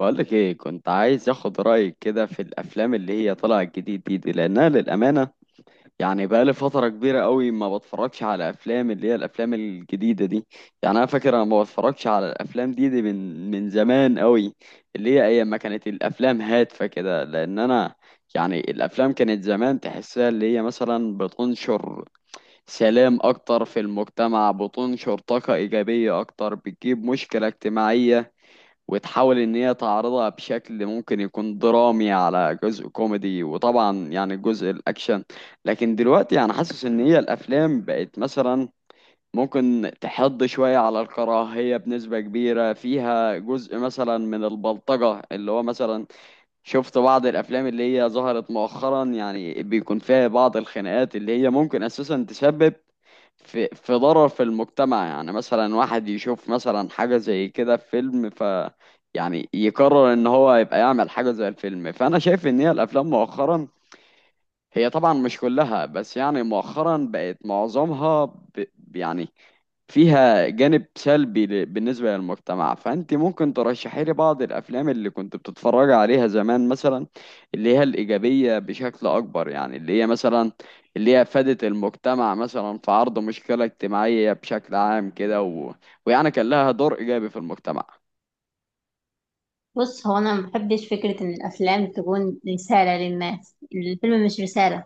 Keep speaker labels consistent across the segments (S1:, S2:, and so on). S1: بقولك ايه، كنت عايز اخد رأيك كده في الافلام اللي هي طالعة جديد دي لانها للامانة يعني بقالي فترة كبيرة قوي ما بتفرجش على افلام اللي هي الافلام الجديدة دي. يعني انا فاكر انا ما بتفرجش على الافلام دي من زمان قوي، اللي هي ايام ما كانت الافلام هادفة كده، لان انا يعني الافلام كانت زمان تحسها اللي هي مثلا بتنشر سلام اكتر في المجتمع، بتنشر طاقة ايجابية اكتر، بتجيب مشكلة اجتماعية وتحاول ان هي تعرضها بشكل ممكن يكون درامي على جزء كوميدي وطبعا يعني جزء الاكشن. لكن دلوقتي يعني حاسس ان هي الافلام بقت مثلا ممكن تحض شوية على الكراهية بنسبة كبيرة، فيها جزء مثلا من البلطجة اللي هو مثلا شفت بعض الافلام اللي هي ظهرت مؤخرا يعني بيكون فيها بعض الخناقات اللي هي ممكن اساسا تسبب في ضرر في المجتمع. يعني مثلا واحد يشوف مثلا حاجة زي كده في فيلم يعني يقرر ان هو يبقى يعمل حاجة زي الفيلم، فانا شايف ان هي الافلام مؤخرا هي طبعا مش كلها بس يعني مؤخرا بقت معظمها يعني فيها جانب سلبي بالنسبة للمجتمع. فأنت ممكن ترشحي لي بعض الأفلام اللي كنت بتتفرج عليها زمان مثلا، اللي هي الإيجابية بشكل أكبر، يعني اللي هي مثلا اللي هي أفادت المجتمع مثلا في عرض مشكلة اجتماعية بشكل عام كده ويعني كان لها دور إيجابي في المجتمع.
S2: بص، هو انا ما بحبش فكره ان الافلام تكون رساله للناس. الفيلم مش رساله.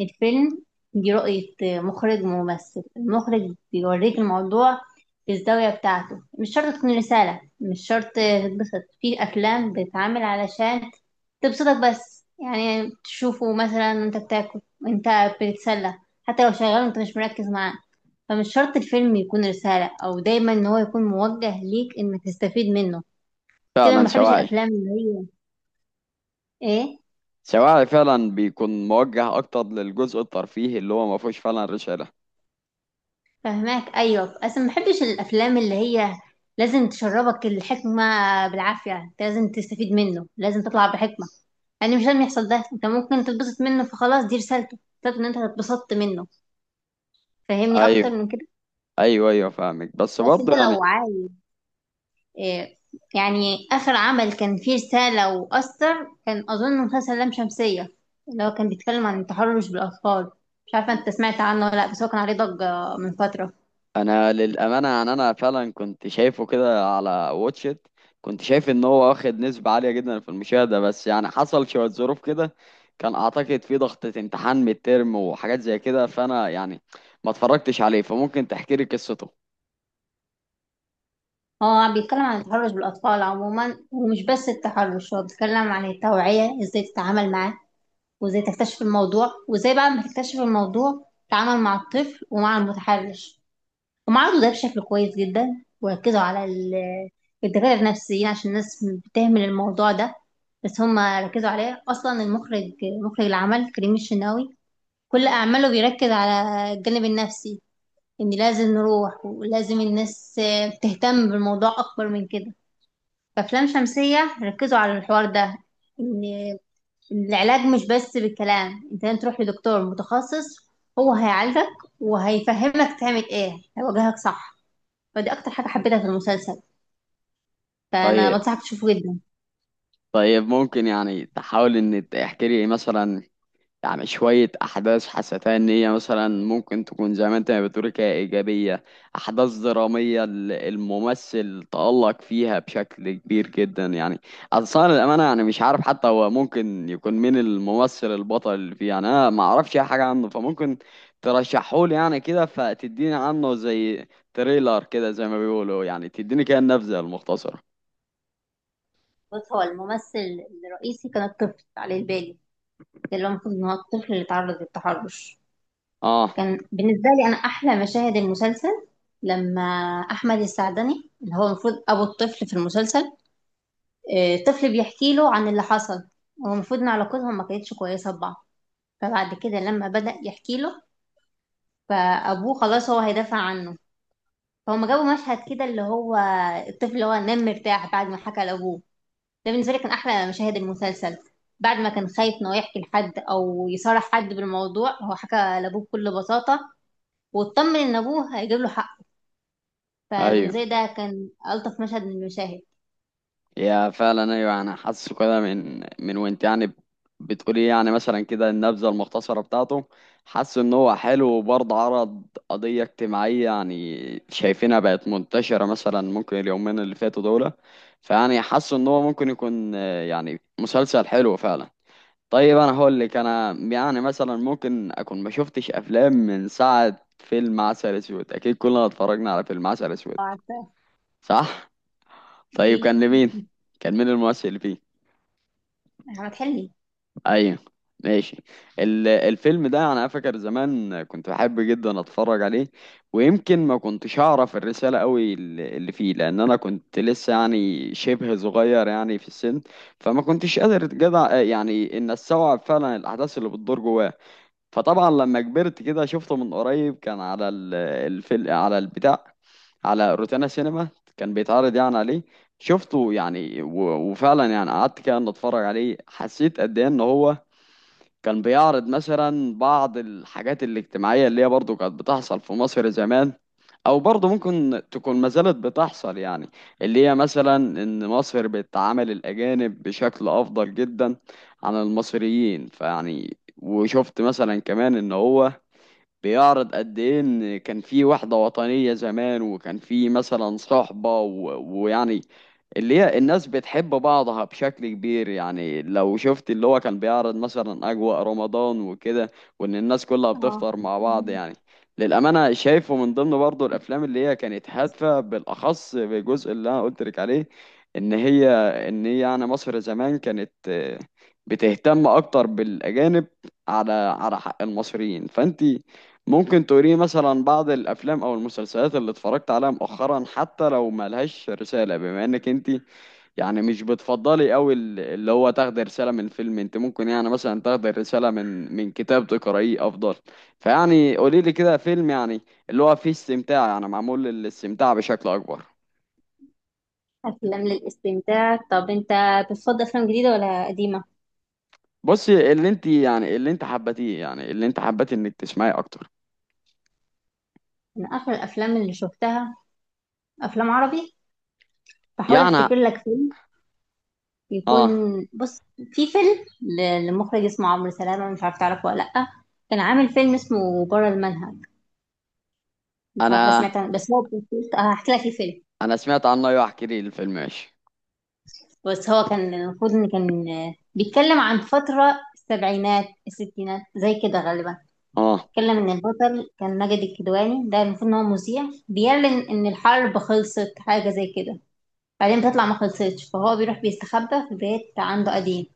S2: الفيلم دي رؤيه مخرج وممثل. المخرج بيوريك الموضوع في الزاويه بتاعته. مش شرط تكون رساله، مش شرط تتبسط. في افلام بتتعمل علشان تبسطك، بس يعني تشوفه مثلا وانت بتاكل وانت بتتسلى، حتى لو شغال وانت مش مركز معاه. فمش شرط الفيلم يكون رساله او دايما ان هو يكون موجه ليك انك تستفيد منه كده. ما
S1: فعلا
S2: بحبش
S1: شواعي.
S2: الافلام اللي هي ايه،
S1: شواعي فعلا، بيكون موجه أكتر للجزء الترفيهي اللي هو ما فيهوش فعلا رسالة.
S2: فهماك. ايوه، اصلا ما بحبش الافلام اللي هي لازم تشربك الحكمه بالعافيه. انت لازم تستفيد منه، لازم تطلع بحكمه، يعني مش لازم يحصل ده. انت ممكن تتبسط منه فخلاص دي رسالته، رسالته ان انت اتبسطت منه. فهمني اكتر
S1: أيوه.
S2: من كده.
S1: أيوه، أيوه فاهمك، بس
S2: بس انت
S1: برضه يعني
S2: لو عايز إيه، يعني اخر عمل كان فيه رساله واثر كان اظن مسلسل لام شمسيه، اللي هو كان بيتكلم عن التحرش بالاطفال. مش عارفه انت سمعت عنه ولا لا، بس هو كان عليه ضجه من فتره.
S1: انا للامانه يعني انا فعلا كنت شايفه كده على واتشت، كنت شايف ان هو واخد نسبه عاليه جدا في المشاهده، بس يعني حصل شويه ظروف كده، كان اعتقد في ضغطه امتحان ميد ترم وحاجات زي كده، فانا يعني ما اتفرجتش عليه، فممكن تحكي لي قصته؟
S2: هو بيتكلم عن التحرش بالأطفال عموما، ومش بس التحرش، هو بيتكلم عن التوعية، ازاي تتعامل معاه وازاي تكتشف الموضوع وازاي بعد ما تكتشف الموضوع تتعامل مع الطفل ومع المتحرش. هم عرضوا ده بشكل كويس جدا، وركزوا على الدكاترة النفسيين عشان الناس بتهمل الموضوع ده. بس هم ركزوا عليه. أصلا المخرج، مخرج العمل كريم الشناوي، كل أعماله بيركز على الجانب النفسي، إن لازم نروح ولازم الناس تهتم بالموضوع أكبر من كده. في أفلام شمسية ركزوا على الحوار ده، إن إن العلاج مش بس بالكلام، أنت لازم تروح لدكتور متخصص، هو هيعالجك وهيفهمك تعمل إيه، هيوجهك صح. فدي أكتر حاجة حبيتها في المسلسل، فأنا
S1: طيب.
S2: بنصحك تشوفه جدا.
S1: طيب، ممكن يعني تحاول ان تحكي لي مثلا يعني شوية أحداث حسيتها إن هي مثلا ممكن تكون زي ما أنت ما بتقول كده إيجابية، أحداث درامية الممثل تألق فيها بشكل كبير جدا؟ يعني أصلا للأمانة يعني مش عارف حتى هو ممكن يكون مين الممثل البطل اللي فيه، يعني أنا ما أعرفش أي حاجة عنه، فممكن ترشحهولي يعني كده فتديني عنه زي تريلر كده زي ما بيقولوا، يعني تديني كده النبذة المختصرة.
S2: بص، هو الممثل الرئيسي كان الطفل علي البالي، ده اللي هو المفروض إن هو الطفل اللي تعرض للتحرش.
S1: آه.
S2: كان بالنسبة لي أنا أحلى مشاهد المسلسل لما أحمد السعدني، اللي هو المفروض أبو الطفل في المسلسل، آه، طفل بيحكي له عن اللي حصل. هو المفروض ان علاقتهم ما كانتش كويسه ببعض، فبعد كده لما بدأ يحكي له فابوه خلاص هو هيدافع عنه. فهم جابوا مشهد كده اللي هو الطفل اللي هو نام مرتاح بعد ما حكى لابوه. ده بالنسبه لي كان احلى مشاهد المسلسل. بعد ما كان خايف انه يحكي لحد او يصارح حد بالموضوع، هو حكى لابوه بكل بساطه، واطمن ان ابوه هيجيب له حق.
S1: أيوه.
S2: فبالنسبه لي ده كان الطف مشهد من المشاهد.
S1: يا فعلا ايوه، انا حاسه كده من وانت يعني بتقولي يعني مثلا كده النبذه المختصره بتاعته، حاسه ان هو حلو وبرضه عرض قضيه اجتماعيه يعني شايفينها بقت منتشره مثلا ممكن اليومين اللي فاتوا دول. فيعني حاسه ان هو ممكن يكون يعني مسلسل حلو فعلا. طيب انا هقول لك انا يعني مثلا ممكن اكون ما شفتش افلام من ساعه فيلم عسل اسود، اكيد كلنا اتفرجنا على فيلم عسل اسود.
S2: عارفه.
S1: صح.
S2: دي
S1: طيب كان لمين؟ كان مين الممثل اللي فيه؟
S2: احمد حلمي.
S1: ايوه. ماشي. الفيلم ده انا فاكر زمان كنت بحب جدا اتفرج عليه، ويمكن ما كنتش اعرف الرساله قوي اللي فيه لان انا كنت لسه يعني شبه صغير يعني في السن، فما كنتش قادر جدع يعني ان استوعب فعلا الاحداث اللي بتدور جواه. فطبعا لما كبرت كده شفته من قريب، كان على الفيلم على البتاع، على روتانا سينما كان بيتعرض يعني عليه. شفته يعني وفعلا يعني قعدت كده ان اتفرج عليه، حسيت قد ايه ان هو كان بيعرض مثلا بعض الحاجات الاجتماعية اللي هي برضو كانت بتحصل في مصر زمان او برضو ممكن تكون ما زالت بتحصل يعني، اللي هي مثلا ان مصر بتعامل الاجانب بشكل افضل جدا عن المصريين. فيعني وشفت مثلا كمان ان هو بيعرض قد ايه ان كان في وحدة وطنية زمان، وكان في مثلا صحبة ويعني اللي هي الناس بتحب بعضها بشكل كبير، يعني لو شفت اللي هو كان بيعرض مثلا أجواء رمضان وكده، وإن الناس كلها
S2: اه.
S1: بتفطر مع بعض يعني. للأمانة شايفه من ضمن برضه الأفلام اللي هي كانت هادفة، بالأخص بالجزء اللي أنا قلت لك عليه، إن هي إن هي يعني مصر زمان كانت بتهتم أكتر بالأجانب على حق المصريين. فأنت ممكن توريني مثلا بعض الافلام او المسلسلات اللي اتفرجت عليها مؤخرا، حتى لو ملهاش رساله بما انك انت يعني مش بتفضلي قوي اللي هو تاخدي رساله من فيلم، انت ممكن يعني مثلا تاخدي رساله من كتاب تقرايه افضل. فيعني قولي لي كده فيلم يعني اللي هو فيه استمتاع، يعني معمول للاستمتاع بشكل اكبر.
S2: أفلام للاستمتاع؟ طب أنت بتفضل أفلام جديدة ولا قديمة؟
S1: بصي، اللي انت يعني اللي انت حبتيه، يعني اللي انت حبتي انك تسمعيه اكتر.
S2: من آخر الأفلام اللي شفتها، أفلام عربي، بحاول
S1: يعني.
S2: أفتكر لك فيلم يكون.
S1: اه.
S2: بص، في فيلم لمخرج اسمه عمرو سلامة، مش عارفة تعرفه ولا لأ. كان عامل فيلم اسمه بره المنهج، مش عارفة
S1: انا
S2: سمعت عنه، بس هو هحكي لك الفيلم.
S1: انا سمعت عنه، ايوه احكي لي الفيلم، ماشي.
S2: بس هو كان المفروض إن كان بيتكلم عن فترة السبعينات الستينات زي كده غالبا.
S1: اه.
S2: اتكلم ان البطل كان ماجد الكدواني، ده المفروض ان هو مذيع بيعلن ان الحرب خلصت حاجه زي كده. بعدين بتطلع ما خلصتش، فهو بيروح بيستخبى في بيت عنده قديم.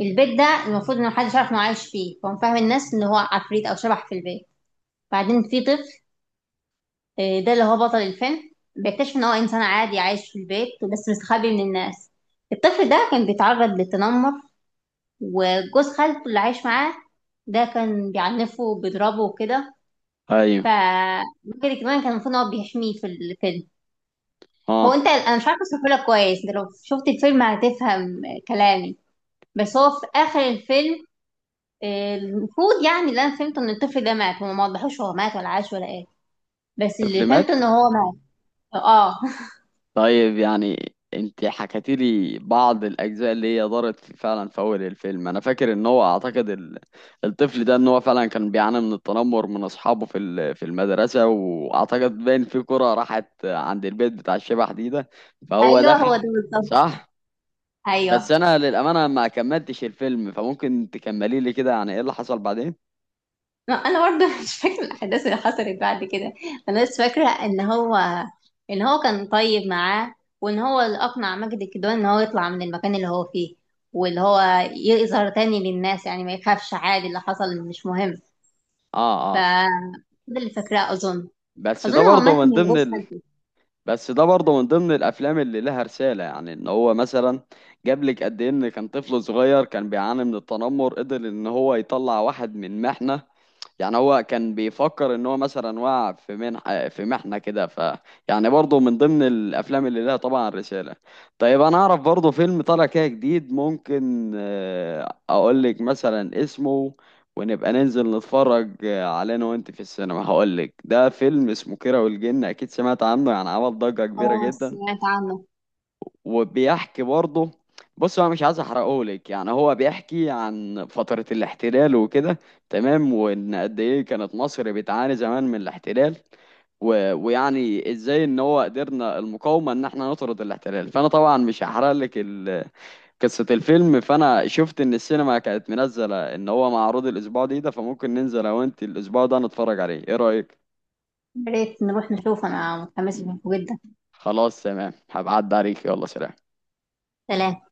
S2: البيت ده المفروض ان محدش عارف انه عايش فيه، فهو فاهم الناس ان هو عفريت او شبح في البيت. بعدين في طفل، آه، ده اللي هو بطل الفيلم، بيكتشف ان هو انسان عادي عايش في البيت بس مستخبي من الناس. الطفل ده كان بيتعرض للتنمر، وجوز خالته اللي عايش معاه ده كان بيعنفه وبيضربه وكده.
S1: ايوه.
S2: ف الراجل كمان كان المفروض ان هو بيحميه في الفيلم. هو
S1: اه.
S2: انت انا مش عارفه اشرحه لك كويس، انت لو شفت الفيلم هتفهم كلامي. بس هو في اخر الفيلم، آه، المفروض يعني اللي انا فهمته ان الطفل ده مات. هو ما وضحوش هو مات ولا عاش ولا ايه، بس اللي
S1: طفل
S2: فهمته
S1: مات؟
S2: ان هو مات. اه
S1: طيب يعني انت حكيتي لي بعض الاجزاء اللي هي دارت فعلا في اول الفيلم. انا فاكر ان هو اعتقد الطفل ده ان هو فعلا كان بيعاني من التنمر من اصحابه في في المدرسه، واعتقد باين في كره راحت عند البيت بتاع الشبح دي ده، فهو
S2: ايوه، هو
S1: دخل.
S2: ده بالظبط.
S1: صح.
S2: ايوه.
S1: بس انا للامانه ما كملتش الفيلم، فممكن تكملي لي كده يعني ايه اللي حصل بعدين؟
S2: لا، انا برضه مش فاكره الاحداث اللي حصلت بعد كده. انا بس فاكره ان هو كان طيب معاه، وان هو اللي اقنع ماجد الكدواني ان هو يطلع من المكان اللي هو فيه، واللي هو يظهر تاني للناس، يعني ما يخافش عادي اللي حصل مش مهم.
S1: اه،
S2: ف
S1: اه.
S2: ده اللي فاكراه اظن.
S1: بس ده
S2: اظن هو
S1: برضه
S2: مات
S1: من
S2: من جوز
S1: ضمن
S2: خالته.
S1: بس ده برضه من ضمن الافلام اللي لها رساله، يعني ان هو مثلا جاب لك قد ايه ان كان طفل صغير كان بيعاني من التنمر قدر ان هو يطلع واحد من محنه. يعني هو كان بيفكر ان هو مثلا وقع في محنه كده، يعني برضه من ضمن الافلام اللي لها طبعا رساله. طيب انا اعرف برضه فيلم طالع كده جديد ممكن اقول لك مثلا اسمه ونبقى ننزل نتفرج على انا وانت في السينما. هقول لك ده فيلم اسمه كيرة والجن، اكيد سمعت عنه، يعني عمل ضجة كبيرة
S2: اه،
S1: جدا.
S2: سمعت عنه.
S1: وبيحكي برضه، بص انا مش عايز احرقه لك، يعني هو بيحكي عن فترة الاحتلال وكده، تمام، وان قد ايه كانت مصر بتعاني زمان من الاحتلال ويعني ازاي ان هو قدرنا المقاومة ان احنا نطرد الاحتلال. فانا طبعا مش هحرق لك قصة الفيلم. فأنا شفت إن السينما كانت منزلة إن هو معروض الأسبوع ده، فممكن ننزل أنا وأنت الأسبوع ده نتفرج عليه، إيه رأيك؟
S2: يا ريت نروح نشوفه، انا متحمسه له جدا.
S1: خلاص تمام، هبعد عليك، يلا سلام.
S2: سلام.